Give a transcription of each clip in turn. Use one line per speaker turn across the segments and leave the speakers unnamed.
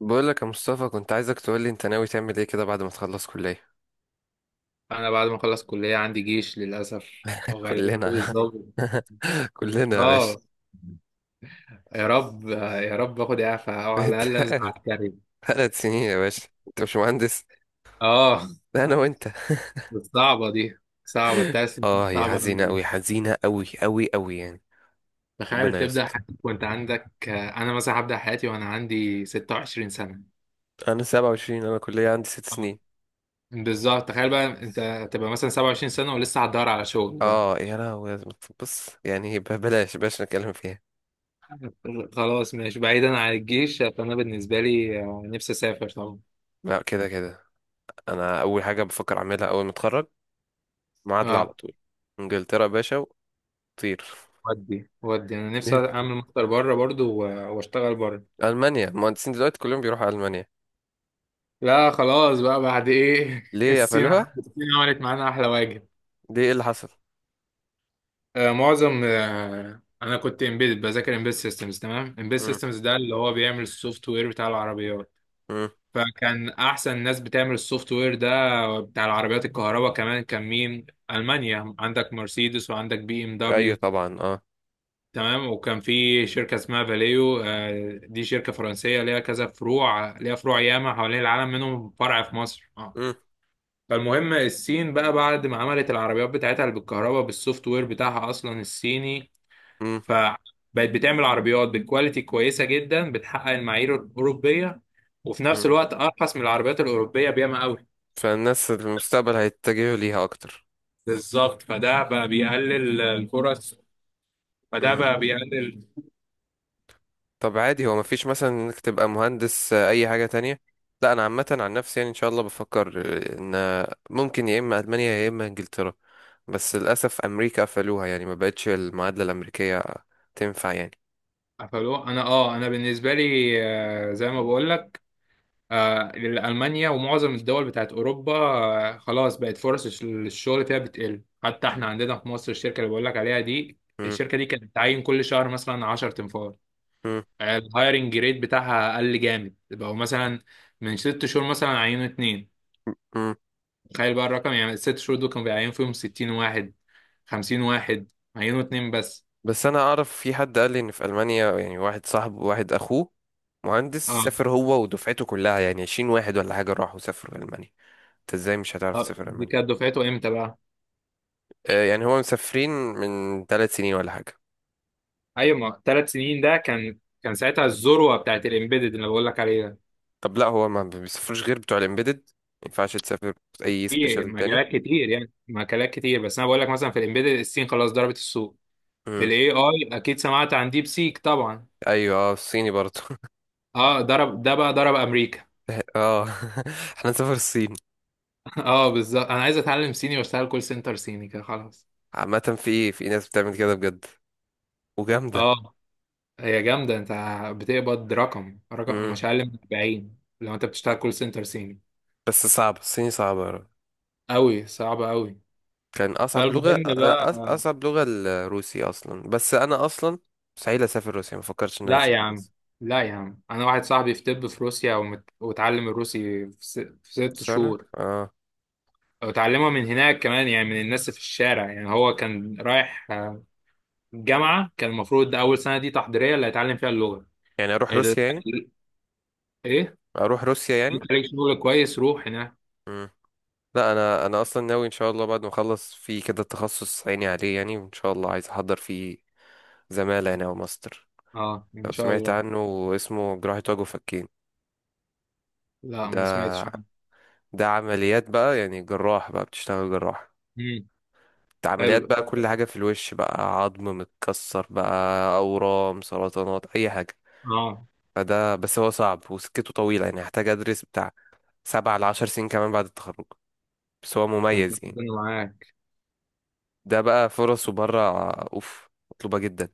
بقول لك يا مصطفى، كنت عايزك تقول لي انت ناوي تعمل ايه كده بعد ما تخلص كلية.
انا بعد ما اخلص كلية عندي جيش للاسف. وغالبا دول
كلنا.
الظابط.
كلنا يا باشا.
اه. يا رب يا رب اخد اعفاء او على
انت
الاقل انزل عسكري.
3 سنين يا باشا، انت مش مهندس.
اه.
لا انا وانت.
بس صعبة دي، صعبة التأسف،
اه، هي
صعبة
حزينة
أوي.
قوي، حزينة قوي قوي قوي يعني.
تخيل
ربنا
تبدأ
يستر.
حياتك وأنت عندك، أنا مثلا هبدأ حياتي وأنا عندي 26 سنة.
انا 27، انا كلية عندي ست
آه.
سنين
بالظبط، تخيل بقى أنت تبقى مثلا 27 سنة ولسه هتدور على شغل بقى.
اه يا لهوي. بص يعني، بلاش بلاش نتكلم فيها.
خلاص ماشي، بعيدا عن الجيش فأنا بالنسبة لي، نفسي أسافر طبعا.
لا كده كده، انا اول حاجة بفكر اعملها اول ما اتخرج معادلة على
اه.
طول. انجلترا يا باشا، وطير.
ودي انا نفسي اعمل ماستر بره برضو واشتغل بره.
ألمانيا، المهندسين دلوقتي كلهم بيروحوا ألمانيا.
لا، خلاص بقى بعد ايه،
ليه
الصين.
قفلوها؟
الصين عملت معانا احلى واجب.
ليه، ايه اللي حصل؟
آه معظم آه انا كنت امبيد، بذاكر امبيد سيستمز، تمام. امبيد
مم.
سيستمز ده اللي هو بيعمل السوفت وير بتاع العربيات.
مم.
فكان احسن ناس بتعمل السوفت وير ده بتاع العربيات، الكهرباء كمان كان مين؟ المانيا، عندك مرسيدس وعندك بي ام
أيوه
دبليو
طبعا، اه.
تمام، وكان في شركة اسمها فاليو، دي شركة فرنسية، ليها كذا فروع، ليها فروع ياما حوالين العالم، منهم فرع في مصر. اه.
مم.
فالمهم الصين بقى بعد ما عملت العربيات بتاعتها اللي بالكهرباء، بالسوفت وير بتاعها أصلا الصيني.
مم.
فبقت بتعمل عربيات بالكواليتي كويسة جدا، بتحقق المعايير الأوروبية. وفي نفس
مم.
الوقت أرخص من العربيات الأوروبية بياما قوي.
فالناس المستقبل هيتجهوا ليها أكتر.
بالظبط، فده بقى بيقلل الفرص. فده
مم.
بقى بيقلل.
طب عادي، هو مفيش مثلا إنك تبقى مهندس آه، أي حاجة تانية؟ لا أنا عامة عن نفسي يعني إن شاء الله بفكر آه، إن آه، ممكن يا إما ألمانيا يا إما إنجلترا. بس للأسف أمريكا قفلوها، يعني ما بقتش المعادلة الأمريكية تنفع يعني.
قفلوه. انا بالنسبه لي، زي ما بقول لك، لألمانيا ومعظم الدول بتاعت أوروبا، خلاص بقت فرص الشغل فيها بتقل، حتى احنا عندنا في مصر الشركة اللي بقول لك عليها دي.
مم.
الشركة دي كانت بتعين كل شهر مثلا 10 تنفار.
مم.
الهايرنج ريت بتاعها قل جامد. بقوا مثلا من ست شهور مثلا عينوا اتنين.
مم.
تخيل بقى الرقم، يعني الست شهور دول كانوا بيعينوا فيهم 60 واحد، 50 واحد، عينوا اتنين بس.
بس انا اعرف في حد قال لي ان في المانيا، يعني واحد صاحبه، واحد اخوه مهندس،
اه.
سافر هو ودفعته كلها يعني 20 واحد ولا حاجه، راحوا سافروا المانيا. انت ازاي مش هتعرف تسافر
دي
المانيا؟
كانت دفعته امتى بقى؟
آه، يعني هو مسافرين من 3 سنين ولا حاجه.
ايوه، ما ثلاث سنين، ده كان ساعتها الذروة بتاعت الامبيدد اللي بقول لك عليها.
طب لا، هو ما بيسافروش غير بتوع الامبيدد؟ ما ينفعش تسافر اي
في
سبيشال تاني؟
مجالات كتير، يعني مجالات كتير، بس انا بقول لك مثلا في الامبيدد، الصين خلاص ضربت السوق. في
امم.
الاي اي اكيد سمعت عن ديب سيك طبعا.
ايوه اه، الصيني برضه.
اه، ضرب ده بقى، ضرب امريكا.
اه. احنا نسافر الصين.
اه، بالظبط، انا عايز اتعلم صيني واشتغل كول سنتر صيني كده، خلاص.
عامه في ناس بتعمل كده بجد، وجامده.
اه، هي جامده. انت بتقبض رقم
امم.
مش اقل من 40 لو انت بتشتغل كول سنتر صيني.
بس صعب، الصيني صعب.
قوي، صعبه قوي.
كان اصعب لغه
فالمهم بقى.
اصعب لغه الروسي اصلا. بس انا اصلا مستحيل اسافر روسيا، ما فكرتش ان انا
لا يا
اسافر
عم،
روسيا.
لا يا عم، انا واحد صاحبي في طب في روسيا واتعلم الروسي في ست
بس انا
شهور.
اه،
وتعلمها من هناك كمان، يعني من الناس في الشارع، يعني هو كان رايح جامعة، كان المفروض أول سنة دي تحضيرية اللي هيتعلم فيها اللغة.
يعني اروح
ال-
روسيا يعني؟
إيه؟
اروح روسيا يعني؟
عشان تلاقي شغل كويس روح هناك.
مم. لا انا اصلا ناوي ان شاء الله بعد ما اخلص في كده تخصص عيني عليه يعني، وان شاء الله عايز احضر فيه زماله هنا وماستر.
أه، إن
لو
شاء
سمعت
الله.
عنه، اسمه جراحة وجه وفكين.
لا،
ده
ما سمعتش عنه.
ده عمليات بقى، يعني جراح، بقى بتشتغل جراح.
امم.
ده عمليات
حلو.
بقى، كل حاجة في الوش بقى، عظم متكسر بقى، أورام، سرطانات، أي حاجة.
أه.
فده بس هو صعب وسكته طويلة، يعني هحتاج أدرس بتاع 7 لـ10 سنين كمان بعد التخرج. بس هو
أنت
مميز يعني.
ربنا معاك.
ده بقى فرصه بره أوف، مطلوبة جدا،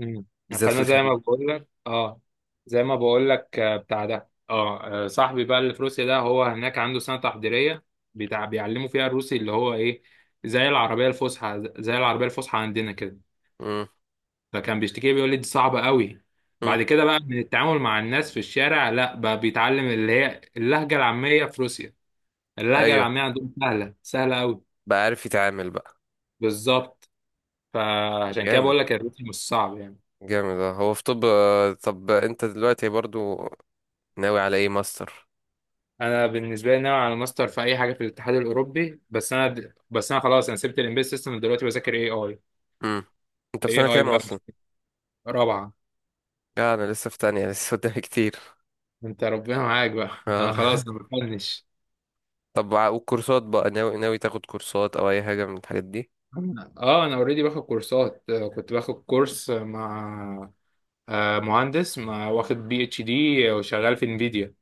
امم.
بالذات في
فأنا زي
الخليج.
ما بقول لك، أه زي ما بقول لك آه، بتاع ده، أه آه، صاحبي بقى اللي في روسيا ده، هو هناك عنده سنة تحضيرية، بتاع بيعلموا فيها الروسي اللي هو إيه، زي العربية الفصحى، زي العربية الفصحى عندنا كده.
مم.
فكان بيشتكي لي بيقول لي دي صعبة قوي.
مم.
بعد كده بقى من التعامل مع الناس في الشارع، لا بقى بيتعلم اللي هي اللهجة العامية في روسيا. اللهجة
أيوه،
العامية عندهم سهلة، سهلة قوي.
بقى عارف يتعامل بقى.
بالظبط،
طب
فعشان كده
جامد،
بقول لك الروسي مش صعب يعني.
جامد اه. هو في طب آه، طب أنت دلوقتي برضو ناوي على إيه، ماستر؟
انا بالنسبة لي ناوي على ماستر في اي حاجة في الاتحاد الاوروبي، بس انا خلاص انا سبت الامبيد سيستم دلوقتي بذاكر AI.
مم. أنت في
اي
سنة
اي
كام
بقى،
أصلا؟
رابعة.
لا أنا لسه في تانية، لسه قدامي كتير.
انت ربنا معاك بقى، انا
اه.
خلاص انا بفنش.
طب والكورسات بقى، ناوي تاخد كورسات أو أي حاجة من الحاجات دي؟
اه. انا اوريدي باخد كورسات، كنت باخد كورس مع، مهندس ما واخد PhD وشغال في انفيديا.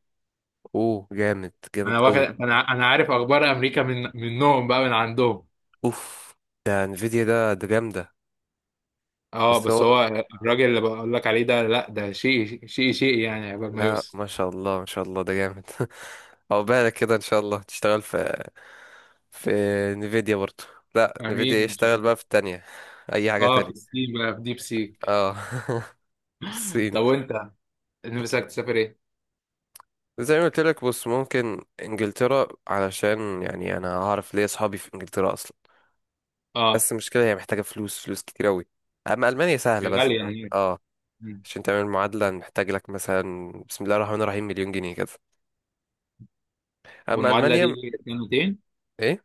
أوه جامد،
انا
جامد
واخد،
أوي.
انا عارف اخبار امريكا من منهم بقى، من عندهم.
اوف، ده انفيديا ده جامده.
اه
بس
بس
هو.
هو، الراجل اللي بقول لك عليه ده، لا ده شيء شيء شيء يعني، عقبال ما
لا
يوصل.
ما شاء الله، ما شاء الله ده جامد. او بالك كده ان شاء الله تشتغل في في انفيديا برضه. لا
امين،
انفيديا
ان شاء
يشتغل
الله.
بقى في التانية اي حاجه
اه، في
تانية.
الصين بقى، في ديب سيك.
اه. الصين.
طب وانت، نفسك تسافر ايه؟
زي ما قلت لك، بص ممكن انجلترا علشان يعني انا هعرف ليه، اصحابي في انجلترا اصلا.
اه،
بس المشكله هي محتاجه فلوس، فلوس كتير قوي. اما المانيا سهله،
يا
بس
غالي
انت
يعني.
اه.
مم.
عشان تعمل معادله محتاج لك مثلا، بسم الله الرحمن الرحيم، 1,000,000 جنيه كده. اما
والمعادله دي
المانيا،
سنتين.
ايه.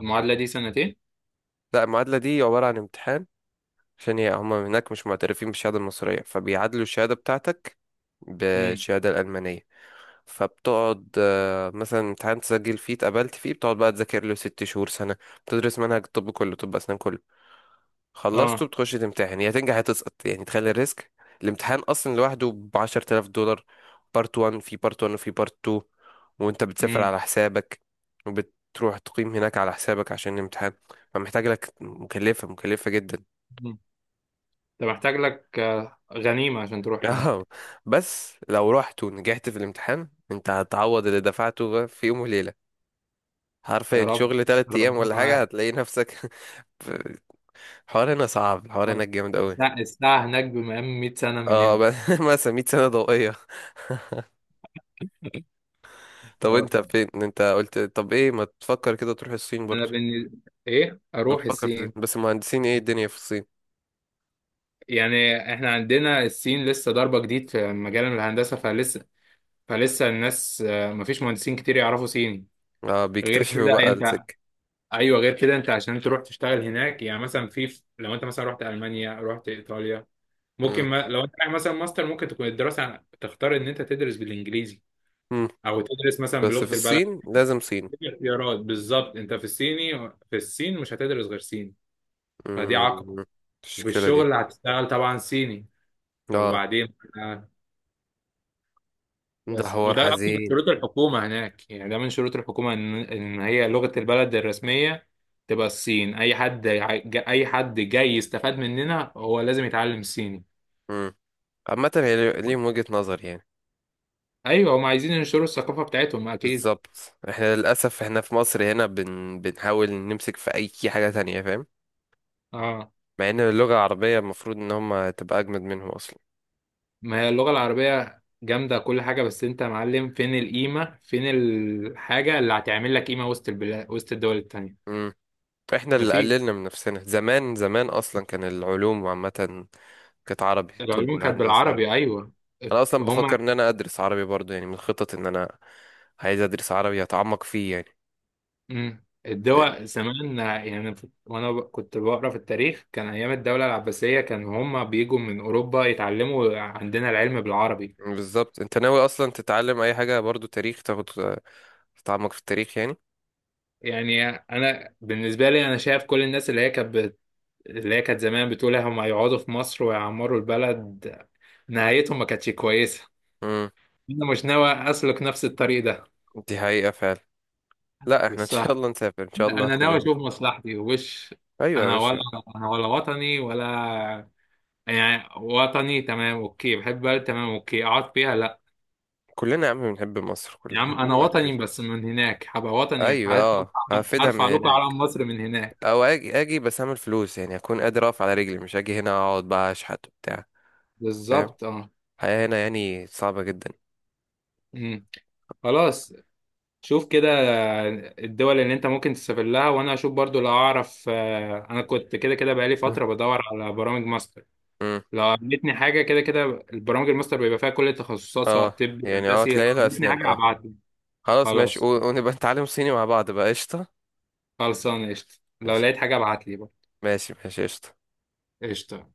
المعادله دي سنتين.
لا المعادلة دي عبارة عن امتحان. عشان هي هما هناك مش معترفين بالشهادة المصرية، فبيعادلوا الشهادة بتاعتك
امم.
بالشهادة الألمانية. فبتقعد آه، مثلا امتحان تسجل فيه، اتقبلت فيه، بتقعد بقى تذاكر له 6 شهور، سنة. بتدرس منهج الطب كله، طب أسنان كله. خلصته،
اه.
بتخش تمتحن، يا تنجح يا تسقط يعني، تخلي الريسك. الامتحان اصلا لوحده ب $10,000. بارت 1، في بارت 1 وفي بارت 2. وانت بتسافر
امم.
على حسابك، وبتروح تقيم هناك على حسابك عشان الامتحان. فمحتاج لك، مكلفة، مكلفة جدا.
انت محتاج لك، غنيمه عشان تروح
اه.
هناك.
بس لو رحت ونجحت في الامتحان، انت هتعوض اللي دفعته في يوم وليلة.
يا
حرفيا
رب،
شغل 3 ايام
ربنا
ولا حاجة
معاك.
هتلاقي نفسك. الحوار هنا صعب، الحوار
اه،
هناك جامد قوي.
الساعة هناك بمقام 100 سنة من
اه
هنا.
بس، مثلا 100 سنة ضوئية. طب
آه.
انت فين، انت قلت طب ايه؟ ما تفكر كده تروح الصين
أنا
برضو؟
بن... إيه،
ما
أروح
تفكر في الصين،
الصين.
بس المهندسين ايه الدنيا في الصين.
يعني إحنا عندنا الصين لسه ضربة جديد في مجال الهندسة، فلسه الناس، مفيش مهندسين كتير يعرفوا صيني.
اه
غير
بيكتشفوا
كده
بقى
أنت.
السكة.
أيوه، غير كده أنت، عشان تروح تشتغل هناك يعني، مثلا في لو أنت مثلا رحت ألمانيا رحت إيطاليا، ممكن
مم.
ما... لو أنت رايح مثلا ماستر ممكن تكون الدراسة، تختار إن أنت تدرس بالإنجليزي
مم.
أو تدرس مثلا
بس في
بلغة البلد.
الصين لازم صين.
اختيارات، بالظبط انت في الصين مش هتدرس غير صيني. فدي عقبة.
مم.
وفي
المشكلة دي.
الشغل هتشتغل طبعا صيني. طب
اه،
وبعدين، آه،
ده
بس
حوار
وده اصلا من
حزين.
شروط الحكومة هناك يعني، ده من شروط الحكومة ان هي لغة البلد الرسمية. تبقى الصين، اي حد جاي يستفاد مننا هو لازم يتعلم صيني.
مم. عامة هي ليهم وجهة نظر يعني.
ايوه، هم عايزين ينشروا الثقافة بتاعتهم اكيد.
بالظبط، احنا للأسف احنا في مصر هنا بنحاول نمسك في أي حاجة تانية، فاهم.
اه،
مع ان اللغة العربية المفروض ان هم تبقى أجمد منهم أصلا.
ما هي اللغة العربية جامدة كل حاجة، بس انت يا معلم فين القيمة، فين الحاجة اللي هتعمل لك قيمة وسط البلاد وسط الدول التانية.
احنا اللي
مفيش.
قللنا من نفسنا، زمان زمان اصلا كان العلوم عامة كانت عربي، طب
العلوم كانت
والهندسة.
بالعربي، ايوه.
انا اصلا بفكر
هما.
ان انا ادرس عربي برضو يعني، من الخطط ان انا عايز ادرس عربي اتعمق فيه يعني.
مم.
لأن-
الدول زمان يعني، وانا كنت بقرا في التاريخ، كان ايام الدولة العباسية كان هما بيجوا من اوروبا يتعلموا عندنا العلم بالعربي.
بالظبط. انت ناوي اصلا تتعلم اي حاجة برضو، تاريخ تاخد، تتعمق في التاريخ يعني.
يعني انا بالنسبة لي، انا شايف كل الناس اللي هي كانت اللي هي كانت زمان بتقول هما يقعدوا في مصر ويعمروا البلد، نهايتهم ما كانتش كويسة.
امم.
انا مش ناوي اسلك نفس الطريق ده.
دي حقيقة فعلا. لا احنا ان شاء
الصراحه،
الله نسافر، ان شاء الله
انا ناوي
كلنا.
اشوف مصلحتي وش.
ايوه يا
انا ولا،
باشا.
انا ولا وطني ولا، يعني وطني تمام اوكي، بحب بلد تمام اوكي اقعد فيها، لا
كلنا يا عم بنحب مصر،
يا عم.
كلنا
انا
مين ما
وطني
بيحبش.
بس من هناك، هبقى وطني،
ايوه اه، هفيدها من
هرفع لكم
هناك.
علم مصر من هناك.
او اجي، اجي بس اعمل فلوس يعني، اكون قادر اقف على رجلي، مش اجي هنا اقعد بقى اشحت وبتاع. فاهم.
بالظبط، اه.
الحياة هنا يعني صعبة جدا.
أمم. خلاص، شوف كده، الدول اللي انت ممكن تسافر لها وانا اشوف برضو لو اعرف، انا كنت كده كده بقالي فترة بدور على برامج ماستر.
امم.
لو عملتني حاجة كده كده، البرامج الماستر بيبقى فيها كل التخصصات سواء
اه
طبي
يعني اه،
هندسي، لو
تلاقي لها
عملتني
اسنان
حاجة
اه.
هبعتلي.
خلاص ماشي،
خلاص،
ونبقى نتعلم صيني مع بعض بقى، قشطة.
خلصان قشطة. لو
قشطة،
لقيت حاجة ابعتلي بقى،
ماشي ماشي قشطة.
قشطة.